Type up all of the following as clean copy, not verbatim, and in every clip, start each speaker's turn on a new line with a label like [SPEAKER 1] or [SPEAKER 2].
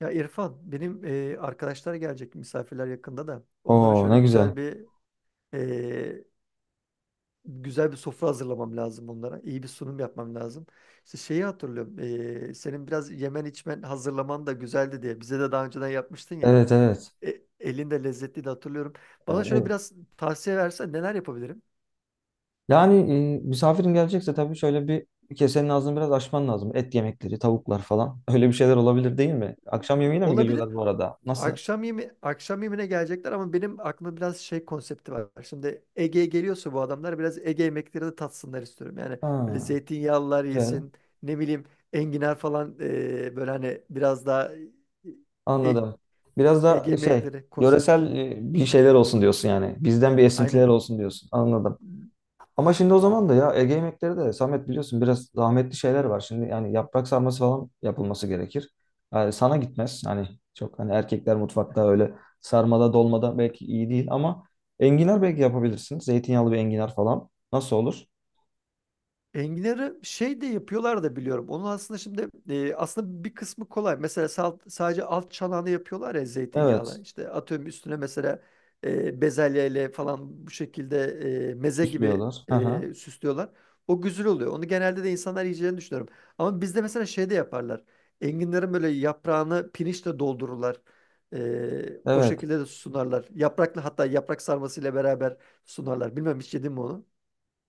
[SPEAKER 1] Ya İrfan, benim arkadaşlar gelecek misafirler yakında da onlara
[SPEAKER 2] Oo
[SPEAKER 1] şöyle
[SPEAKER 2] ne güzel.
[SPEAKER 1] güzel bir e, güzel bir sofra hazırlamam lazım onlara. İyi bir sunum yapmam lazım. İşte şeyi hatırlıyorum. Senin biraz yemen içmen hazırlaman da güzeldi diye. Bize de daha önceden yapmıştın ya.
[SPEAKER 2] Evet evet.
[SPEAKER 1] Elin de lezzetliydi hatırlıyorum. Bana şöyle
[SPEAKER 2] Evet.
[SPEAKER 1] biraz tavsiye versen neler yapabilirim?
[SPEAKER 2] Yani misafirin gelecekse tabii şöyle bir kesenin ağzını biraz açman lazım. Et yemekleri, tavuklar falan. Öyle bir şeyler olabilir değil mi? Akşam yemeğine mi
[SPEAKER 1] Olabilir.
[SPEAKER 2] geliyorlar bu arada? Nasıl?
[SPEAKER 1] Akşam yemeğine gelecekler ama benim aklımda biraz şey konsepti var. Şimdi Ege'ye geliyorsa bu adamlar biraz Ege yemekleri de tatsınlar istiyorum. Yani böyle
[SPEAKER 2] Ha,
[SPEAKER 1] zeytinyağlılar
[SPEAKER 2] güzel.
[SPEAKER 1] yesin, ne bileyim enginar falan böyle hani biraz daha e-
[SPEAKER 2] Anladım. Biraz
[SPEAKER 1] Ege
[SPEAKER 2] da şey,
[SPEAKER 1] yemekleri konsepti.
[SPEAKER 2] yöresel bir şeyler olsun diyorsun yani. Bizden bir esintiler
[SPEAKER 1] Aynen.
[SPEAKER 2] olsun diyorsun. Anladım. Ama şimdi o zaman da ya Ege yemekleri de Samet biliyorsun biraz zahmetli şeyler var. Şimdi yani yaprak sarması falan yapılması gerekir. Yani sana gitmez. Hani çok hani erkekler mutfakta öyle sarmada dolmada belki iyi değil ama enginar belki yapabilirsin. Zeytinyağlı bir enginar falan. Nasıl olur?
[SPEAKER 1] Enginarı şey de yapıyorlar da biliyorum. Onun aslında şimdi aslında bir kısmı kolay. Mesela sadece alt çanağını yapıyorlar ya zeytinyağla.
[SPEAKER 2] Evet.
[SPEAKER 1] İşte atıyorum üstüne mesela bezelyeyle falan bu şekilde meze gibi
[SPEAKER 2] Süslüyorlar. Hı hı.
[SPEAKER 1] süslüyorlar. O güzel oluyor. Onu genelde de insanlar yiyeceğini düşünüyorum. Ama bizde mesela şey de yaparlar. Enginlerin böyle yaprağını pirinçle doldururlar. O
[SPEAKER 2] Evet.
[SPEAKER 1] şekilde de sunarlar. Yapraklı hatta yaprak sarmasıyla beraber sunarlar. Bilmem hiç yedin mi onu?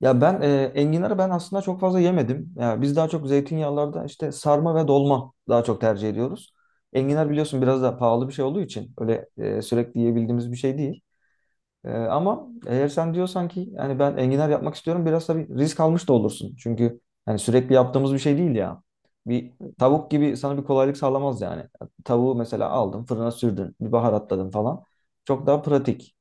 [SPEAKER 2] Ya ben enginarı ben aslında çok fazla yemedim. Ya biz daha çok zeytinyağlarda işte sarma ve dolma daha çok tercih ediyoruz.
[SPEAKER 1] Hı hı.
[SPEAKER 2] Enginar biliyorsun biraz da pahalı bir şey olduğu için öyle sürekli yiyebildiğimiz bir şey değil. Ama eğer sen diyorsan ki yani ben enginar yapmak istiyorum biraz tabii risk almış da olursun. Çünkü yani sürekli yaptığımız bir şey değil ya. Bir tavuk gibi sana bir kolaylık sağlamaz yani. Tavuğu mesela aldın fırına sürdün bir baharatladın falan. Çok daha pratik.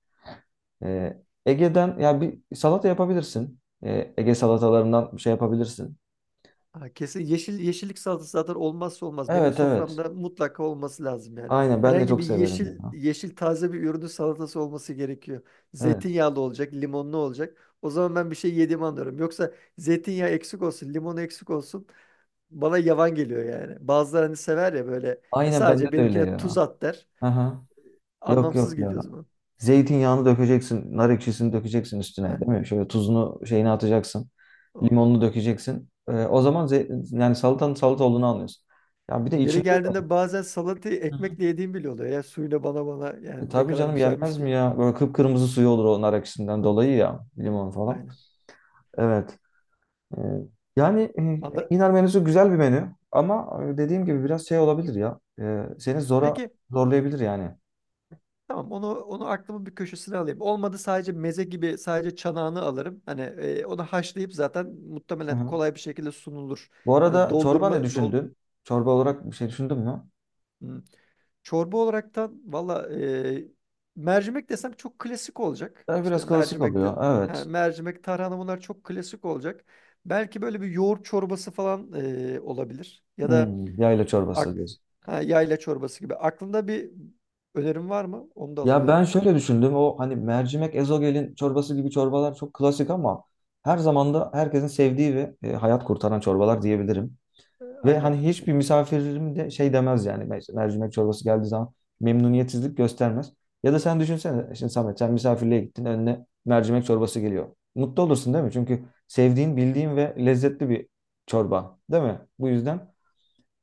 [SPEAKER 2] Ege'den ya bir salata yapabilirsin. Ege salatalarından bir şey yapabilirsin.
[SPEAKER 1] Ha, kesin yeşil yeşillik salatası zaten olmazsa olmaz. Benim
[SPEAKER 2] Evet evet.
[SPEAKER 1] soframda mutlaka olması lazım yani.
[SPEAKER 2] Aynen ben de
[SPEAKER 1] Herhangi
[SPEAKER 2] çok
[SPEAKER 1] bir
[SPEAKER 2] severim
[SPEAKER 1] yeşil
[SPEAKER 2] ya.
[SPEAKER 1] yeşil taze bir ürünün salatası olması gerekiyor.
[SPEAKER 2] Evet.
[SPEAKER 1] Zeytinyağlı olacak, limonlu olacak. O zaman ben bir şey yediğimi anlıyorum. Yoksa zeytinyağı eksik olsun, limonu eksik olsun yavan geliyor yani. Bazıları hani sever ya böyle, "Ya
[SPEAKER 2] Aynen
[SPEAKER 1] sadece
[SPEAKER 2] bende de öyle
[SPEAKER 1] benimkine
[SPEAKER 2] ya.
[SPEAKER 1] tuz at," der.
[SPEAKER 2] Aha. Yok
[SPEAKER 1] Anlamsız
[SPEAKER 2] yok ya.
[SPEAKER 1] geliyor o zaman.
[SPEAKER 2] Zeytinyağını dökeceksin, nar ekşisini dökeceksin üstüne,
[SPEAKER 1] Heh,
[SPEAKER 2] değil mi? Şöyle tuzunu şeyini atacaksın,
[SPEAKER 1] oh.
[SPEAKER 2] limonunu dökeceksin. O zaman yani salatanın salata olduğunu anlıyorsun. Ya bir de
[SPEAKER 1] Yeri
[SPEAKER 2] içinde de.
[SPEAKER 1] geldiğinde bazen salatayı
[SPEAKER 2] Hı hı.
[SPEAKER 1] ekmekle yediğim bile oluyor. Ya suyla bana yani ne
[SPEAKER 2] Tabii
[SPEAKER 1] kadar
[SPEAKER 2] canım yenmez
[SPEAKER 1] güzelmiş
[SPEAKER 2] mi
[SPEAKER 1] deyip.
[SPEAKER 2] ya? Böyle kıpkırmızı suyu olur o nar ekşisinden dolayı ya, limon falan.
[SPEAKER 1] Aynen.
[SPEAKER 2] Evet. Ee, Yani
[SPEAKER 1] Anla-
[SPEAKER 2] enginar menüsü güzel bir menü ama dediğim gibi biraz şey olabilir ya. Seni zora
[SPEAKER 1] Peki
[SPEAKER 2] zorlayabilir yani.
[SPEAKER 1] tamam onu aklımın bir köşesine alayım. Olmadı sadece meze gibi sadece çanağını alırım. Hani onu haşlayıp zaten
[SPEAKER 2] Hı
[SPEAKER 1] muhtemelen
[SPEAKER 2] hı.
[SPEAKER 1] kolay bir şekilde sunulur.
[SPEAKER 2] Bu
[SPEAKER 1] Yani
[SPEAKER 2] arada çorba ne
[SPEAKER 1] doldurma dol
[SPEAKER 2] düşündün? Çorba olarak bir şey düşündün mü?
[SPEAKER 1] Hmm. Çorba olaraktan valla mercimek desem çok klasik olacak.
[SPEAKER 2] Ya
[SPEAKER 1] İşte
[SPEAKER 2] biraz klasik
[SPEAKER 1] mercimek de
[SPEAKER 2] oluyor. Evet.
[SPEAKER 1] ha, mercimek tarhana bunlar çok klasik olacak. Belki böyle bir yoğurt çorbası falan olabilir. Ya da
[SPEAKER 2] Hmm, yayla çorbası
[SPEAKER 1] ak,
[SPEAKER 2] diyorsun.
[SPEAKER 1] ha, yayla çorbası gibi. Aklında bir önerim var mı? Onu da
[SPEAKER 2] Ya
[SPEAKER 1] alabilirim.
[SPEAKER 2] ben şöyle düşündüm. O hani mercimek ezogelin çorbası gibi çorbalar çok klasik ama her zaman da herkesin sevdiği ve hayat kurtaran çorbalar diyebilirim. Ve
[SPEAKER 1] Aynen.
[SPEAKER 2] hani hiçbir misafirim de şey demez yani mercimek çorbası geldiği zaman memnuniyetsizlik göstermez. Ya da sen düşünsene şimdi Samet sen misafirliğe gittin önüne mercimek çorbası geliyor. Mutlu olursun değil mi? Çünkü sevdiğin, bildiğin ve lezzetli bir çorba değil mi? Bu yüzden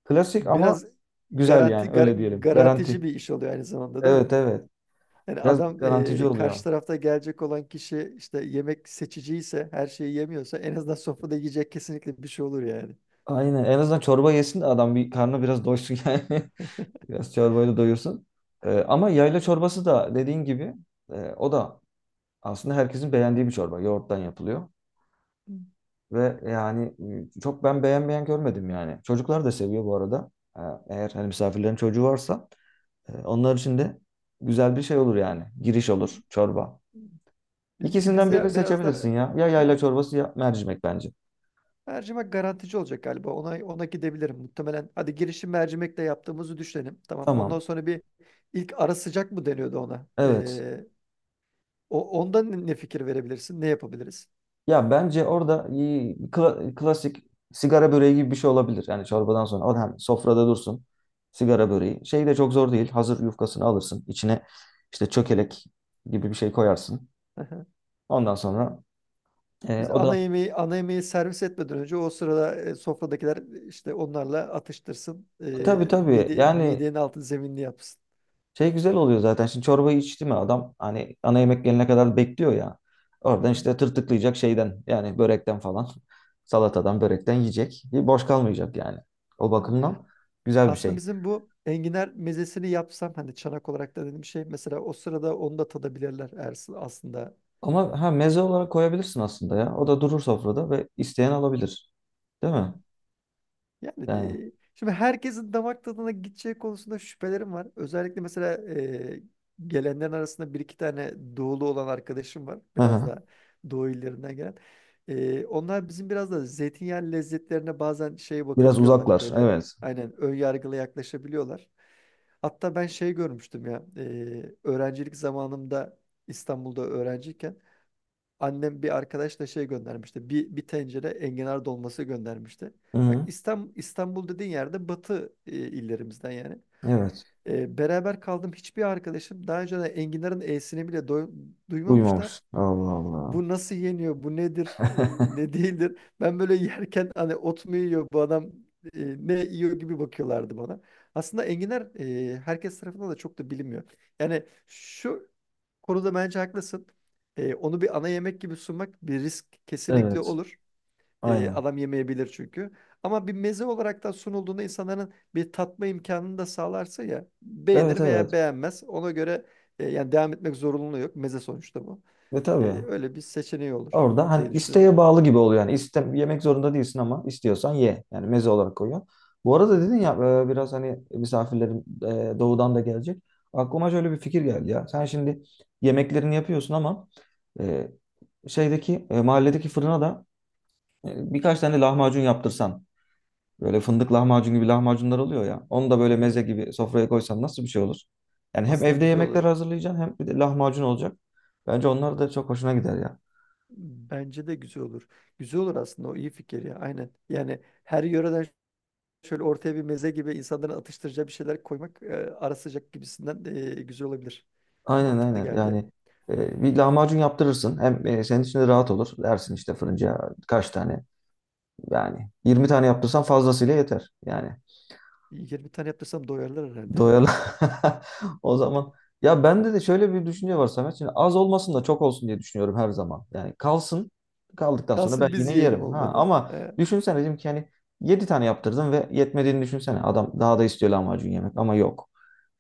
[SPEAKER 2] klasik ama
[SPEAKER 1] Biraz
[SPEAKER 2] güzel yani öyle diyelim.
[SPEAKER 1] garantici
[SPEAKER 2] Garanti.
[SPEAKER 1] bir iş oluyor aynı zamanda değil mi?
[SPEAKER 2] Evet evet.
[SPEAKER 1] Yani
[SPEAKER 2] Biraz
[SPEAKER 1] adam
[SPEAKER 2] garantici
[SPEAKER 1] karşı
[SPEAKER 2] oluyor.
[SPEAKER 1] tarafta gelecek olan kişi işte yemek seçici ise her şeyi yemiyorsa en azından sofrada yiyecek kesinlikle bir şey olur yani.
[SPEAKER 2] Aynen. En azından çorba yesin de adam bir karnı biraz doysun yani. Biraz çorbayla doyursun. Ama yayla çorbası da dediğin gibi o da aslında herkesin beğendiği bir çorba. Yoğurttan yapılıyor. Ve yani çok ben beğenmeyen görmedim yani. Çocuklar da seviyor bu arada. Ee, Eğer hani misafirlerin çocuğu varsa onlar için de güzel bir şey olur yani. Giriş olur çorba.
[SPEAKER 1] Bizimki
[SPEAKER 2] İkisinden birini
[SPEAKER 1] bizde biraz daha
[SPEAKER 2] seçebilirsin ya. Ya yayla
[SPEAKER 1] ha,
[SPEAKER 2] çorbası ya mercimek bence.
[SPEAKER 1] mercimek garantici olacak galiba. Ona gidebilirim muhtemelen. Hadi girişim mercimekle yaptığımızı düşünelim. Tamam.
[SPEAKER 2] Tamam.
[SPEAKER 1] Ondan sonra bir ilk ara sıcak mı deniyordu ona?
[SPEAKER 2] Evet.
[SPEAKER 1] O ondan ne fikir verebilirsin? Ne yapabiliriz?
[SPEAKER 2] Ya bence orada klasik sigara böreği gibi bir şey olabilir. Yani çorbadan sonra o hem sofrada dursun sigara böreği. Şey de çok zor değil. Hazır yufkasını alırsın. İçine işte çökelek gibi bir şey koyarsın. Ondan sonra
[SPEAKER 1] Biz
[SPEAKER 2] o da
[SPEAKER 1] ana yemeği servis etmeden önce o sırada sofradakiler işte onlarla atıştırsın. E,
[SPEAKER 2] tabii tabii yani
[SPEAKER 1] midenin altı zeminli yapsın.
[SPEAKER 2] şey güzel oluyor zaten. Şimdi çorbayı içti mi adam hani ana yemek gelene kadar bekliyor ya.
[SPEAKER 1] Hı
[SPEAKER 2] Oradan
[SPEAKER 1] hı.
[SPEAKER 2] işte tırtıklayacak şeyden yani börekten falan salatadan börekten yiyecek. Boş kalmayacak yani. O
[SPEAKER 1] Ha.
[SPEAKER 2] bakımdan güzel bir
[SPEAKER 1] Aslında
[SPEAKER 2] şey.
[SPEAKER 1] bizim bu enginar mezesini yapsam hani çanak olarak da dediğim şey mesela o sırada onu da tadabilirler Ersin aslında.
[SPEAKER 2] Ama ha meze olarak koyabilirsin aslında ya. O da durur sofrada ve isteyen alabilir. Değil mi? Yani.
[SPEAKER 1] Şimdi herkesin damak tadına gideceği konusunda şüphelerim var. Özellikle mesela gelenlerin arasında bir iki tane doğulu olan arkadaşım var.
[SPEAKER 2] Hı
[SPEAKER 1] Biraz
[SPEAKER 2] hı.
[SPEAKER 1] daha doğu illerinden gelen. E, onlar bizim biraz da zeytinyağı lezzetlerine bazen şey
[SPEAKER 2] Biraz
[SPEAKER 1] bakabiliyorlar.
[SPEAKER 2] uzaklar.
[SPEAKER 1] Böyle
[SPEAKER 2] Evet.
[SPEAKER 1] aynen ön yargılı yaklaşabiliyorlar. Hatta ben şey görmüştüm ya. Öğrencilik zamanımda İstanbul'da öğrenciyken annem bir arkadaşla şey göndermişti. Bir tencere enginar dolması göndermişti.
[SPEAKER 2] Hı
[SPEAKER 1] Bak
[SPEAKER 2] hı.
[SPEAKER 1] İstanbul dediğin yerde batı illerimizden yani.
[SPEAKER 2] Evet.
[SPEAKER 1] E, beraber kaldım hiçbir arkadaşım daha önce de enginarın e'sini bile duymamışlar,
[SPEAKER 2] Duymamış. Allah Allah.
[SPEAKER 1] bu nasıl yeniyor, bu nedir, ne değildir. Ben böyle yerken hani ot mu yiyor bu adam, ne yiyor gibi bakıyorlardı bana. Aslında enginar herkes tarafından da çok da bilinmiyor. Yani şu konuda bence haklısın. E, onu bir ana yemek gibi sunmak bir risk kesinlikle
[SPEAKER 2] Evet.
[SPEAKER 1] olur. E,
[SPEAKER 2] Aynen.
[SPEAKER 1] adam yemeyebilir çünkü. Ama bir meze olarak da sunulduğunda insanların bir tatma imkanını da sağlarsa ya
[SPEAKER 2] Evet
[SPEAKER 1] beğenir
[SPEAKER 2] evet.
[SPEAKER 1] veya beğenmez. Ona göre yani devam etmek zorunluluğu yok. Meze sonuçta bu.
[SPEAKER 2] Ve
[SPEAKER 1] E,
[SPEAKER 2] tabii.
[SPEAKER 1] öyle bir seçeneği olur
[SPEAKER 2] Orada hani
[SPEAKER 1] diye düşünüyorum.
[SPEAKER 2] isteğe bağlı gibi oluyor yani. İste, yemek zorunda değilsin ama istiyorsan ye. Yani meze olarak koyuyor. Bu arada
[SPEAKER 1] Hı.
[SPEAKER 2] dedin ya biraz hani misafirlerim doğudan da gelecek. Aklıma şöyle bir fikir geldi ya. Sen şimdi yemeklerini yapıyorsun ama e, şeydeki mahalledeki fırına da birkaç tane lahmacun yaptırsan. Böyle fındık lahmacun gibi lahmacunlar oluyor ya. Onu da böyle
[SPEAKER 1] Hı.
[SPEAKER 2] meze gibi sofraya koysan nasıl bir şey olur? Yani hem
[SPEAKER 1] Aslında
[SPEAKER 2] evde
[SPEAKER 1] güzel
[SPEAKER 2] yemekler
[SPEAKER 1] olur.
[SPEAKER 2] hazırlayacaksın hem bir de lahmacun olacak. Bence onlar da çok hoşuna gider ya.
[SPEAKER 1] Bence de güzel olur. Güzel olur aslında o iyi fikir ya aynen. Yani her yöreden şöyle ortaya bir meze gibi insanların atıştıracağı bir şeyler koymak ara sıcak gibisinden güzel olabilir.
[SPEAKER 2] Aynen
[SPEAKER 1] Mantıklı
[SPEAKER 2] aynen
[SPEAKER 1] geldi ya.
[SPEAKER 2] yani bir lahmacun yaptırırsın hem senin için de rahat olur dersin işte fırıncıya kaç tane yani 20 tane yaptırsan fazlasıyla yeter yani
[SPEAKER 1] 20 tane yaptırsam doyarlar herhalde ya.
[SPEAKER 2] doyalı. O zaman ya bende de şöyle bir düşünce var Samet. Şimdi az olmasın da çok olsun diye düşünüyorum her zaman yani kalsın. Kaldıktan sonra ben
[SPEAKER 1] Kalsın biz
[SPEAKER 2] yine
[SPEAKER 1] yiyelim
[SPEAKER 2] yerim ha
[SPEAKER 1] olmadı.
[SPEAKER 2] ama
[SPEAKER 1] E,
[SPEAKER 2] düşünsene dedim ki hani 7 tane yaptırdım ve yetmediğini düşünsene adam daha da istiyor lahmacun yemek ama yok.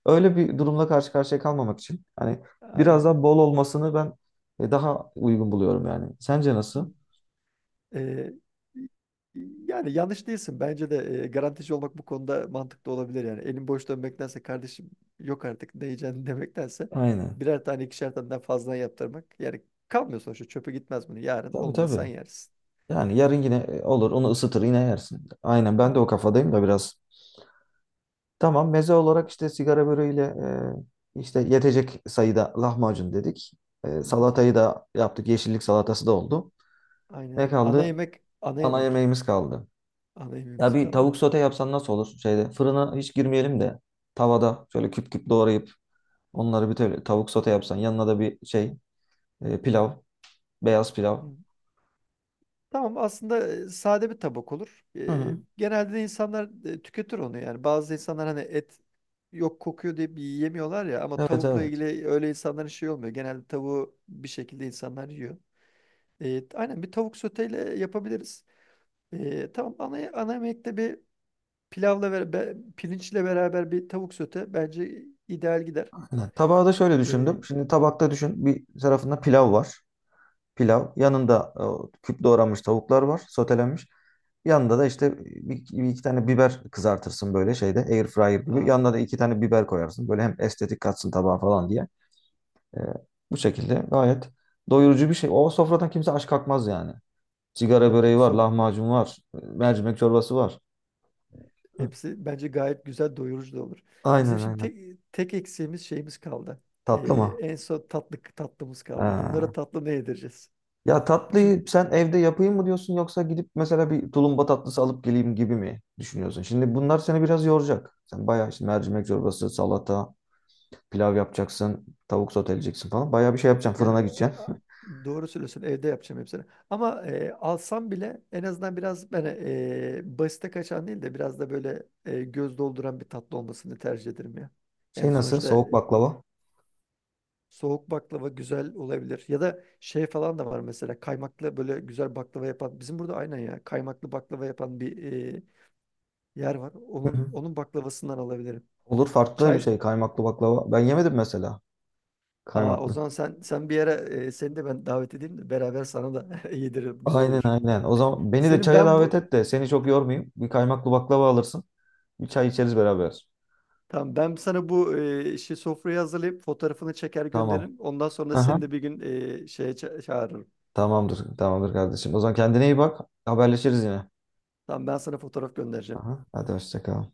[SPEAKER 2] Öyle bir durumla karşı karşıya kalmamak için hani biraz
[SPEAKER 1] aynen.
[SPEAKER 2] daha bol olmasını ben daha uygun buluyorum yani. Sence nasıl?
[SPEAKER 1] Ee, Yani yanlış değilsin. Bence de garantici olmak bu konuda mantıklı olabilir yani. Elin boş dönmektense kardeşim, yok artık ne yiyeceğini demektense
[SPEAKER 2] Aynen.
[SPEAKER 1] birer tane ikişer tane daha fazla yaptırmak. Yani kalmıyor sonuçta çöpe gitmez bunu. Yarın
[SPEAKER 2] Tabii
[SPEAKER 1] olmadı
[SPEAKER 2] tabii.
[SPEAKER 1] sen yersin.
[SPEAKER 2] Yani yarın yine olur onu ısıtır yine yersin. Aynen
[SPEAKER 1] Hı,
[SPEAKER 2] ben de o kafadayım da biraz. Tamam meze olarak işte sigara böreğiyle işte yetecek sayıda lahmacun dedik.
[SPEAKER 1] hı, hı.
[SPEAKER 2] Salatayı da yaptık. Yeşillik salatası da oldu.
[SPEAKER 1] Aynen.
[SPEAKER 2] Ne kaldı?
[SPEAKER 1] Ana
[SPEAKER 2] Ana
[SPEAKER 1] yemek.
[SPEAKER 2] yemeğimiz kaldı.
[SPEAKER 1] Ana
[SPEAKER 2] Ya
[SPEAKER 1] yemeğimiz
[SPEAKER 2] bir
[SPEAKER 1] kaldı.
[SPEAKER 2] tavuk sote yapsan nasıl olur? Şeyde fırına hiç girmeyelim de tavada şöyle küp küp doğrayıp onları bir tavuk sote yapsan yanına da bir şey pilav, beyaz pilav.
[SPEAKER 1] Hı. Tamam aslında sade bir tabak olur.
[SPEAKER 2] Hı
[SPEAKER 1] E,
[SPEAKER 2] hı.
[SPEAKER 1] genelde de insanlar tüketir onu yani. Bazı insanlar hani et yok kokuyor diye bir yiyemiyorlar ya ama
[SPEAKER 2] Evet
[SPEAKER 1] tavukla
[SPEAKER 2] evet.
[SPEAKER 1] ilgili öyle insanların şey olmuyor. Genelde tavuğu bir şekilde insanlar yiyor. E, aynen bir tavuk soteyle yapabiliriz. E, tamam ana yemekte bir pilavla ve pirinçle beraber bir tavuk sote bence ideal gider.
[SPEAKER 2] Aynen. Tabağı da şöyle
[SPEAKER 1] E,
[SPEAKER 2] düşündüm. Şimdi tabakta düşün bir tarafında pilav var. Pilav. Yanında küp doğranmış tavuklar var. Sotelenmiş. Yanında da işte bir iki tane biber kızartırsın böyle şeyde air fryer gibi. Yanına da iki tane biber koyarsın. Böyle hem estetik katsın tabağa falan diye. Ee, Bu şekilde gayet doyurucu bir şey. O sofradan kimse aç kalkmaz yani. Sigara böreği var,
[SPEAKER 1] aa,
[SPEAKER 2] lahmacun var, mercimek çorbası var.
[SPEAKER 1] hepsi bence gayet güzel doyurucu da olur. Bizim
[SPEAKER 2] Aynen
[SPEAKER 1] şimdi
[SPEAKER 2] aynen.
[SPEAKER 1] tek eksiğimiz şeyimiz kaldı. Ee,
[SPEAKER 2] Tatlı mı?
[SPEAKER 1] en son tatlımız kaldı.
[SPEAKER 2] Ha.
[SPEAKER 1] Bunlara tatlı ne yedireceğiz?
[SPEAKER 2] Ya
[SPEAKER 1] Şimdi
[SPEAKER 2] tatlıyı sen evde yapayım mı diyorsun yoksa gidip mesela bir tulumba tatlısı alıp geleyim gibi mi düşünüyorsun? Şimdi bunlar seni biraz yoracak. Sen bayağı işte mercimek çorbası, salata, pilav yapacaksın, tavuk soteleyeceksin falan. Bayağı bir şey yapacaksın.
[SPEAKER 1] yani
[SPEAKER 2] Fırına gideceksin.
[SPEAKER 1] doğru söylüyorsun evde yapacağım hepsini. Ama alsam bile en azından biraz ben basite kaçan değil de biraz da böyle göz dolduran bir tatlı olmasını tercih ederim ya.
[SPEAKER 2] Şey
[SPEAKER 1] Yani
[SPEAKER 2] nasıl?
[SPEAKER 1] sonuçta
[SPEAKER 2] Soğuk baklava.
[SPEAKER 1] soğuk baklava güzel olabilir. Ya da şey falan da var mesela kaymaklı böyle güzel baklava yapan. Bizim burada aynen ya kaymaklı baklava yapan bir e, yer var.
[SPEAKER 2] Hı
[SPEAKER 1] Onun
[SPEAKER 2] hı.
[SPEAKER 1] onun baklavasından alabilirim.
[SPEAKER 2] Olur farklı bir
[SPEAKER 1] Çay
[SPEAKER 2] şey. Kaymaklı baklava. Ben yemedim mesela.
[SPEAKER 1] Aa, o
[SPEAKER 2] Kaymaklı.
[SPEAKER 1] zaman sen bir yere seni de ben davet edeyim de beraber sana da yediririm. Güzel
[SPEAKER 2] Aynen
[SPEAKER 1] olur.
[SPEAKER 2] aynen. O zaman beni de
[SPEAKER 1] Senin
[SPEAKER 2] çaya
[SPEAKER 1] ben
[SPEAKER 2] davet
[SPEAKER 1] bu
[SPEAKER 2] et de seni çok yormayayım. Bir kaymaklı baklava alırsın. Bir çay içeriz beraber.
[SPEAKER 1] Tamam ben sana bu şey sofrayı hazırlayıp fotoğrafını çeker
[SPEAKER 2] Tamam.
[SPEAKER 1] gönderirim. Ondan sonra
[SPEAKER 2] Aha.
[SPEAKER 1] seni de bir gün şeye çağırırım.
[SPEAKER 2] Tamamdır, tamamdır kardeşim. O zaman kendine iyi bak. Haberleşiriz yine.
[SPEAKER 1] Tamam ben sana fotoğraf göndereceğim.
[SPEAKER 2] Aha, hadi hoşça kal.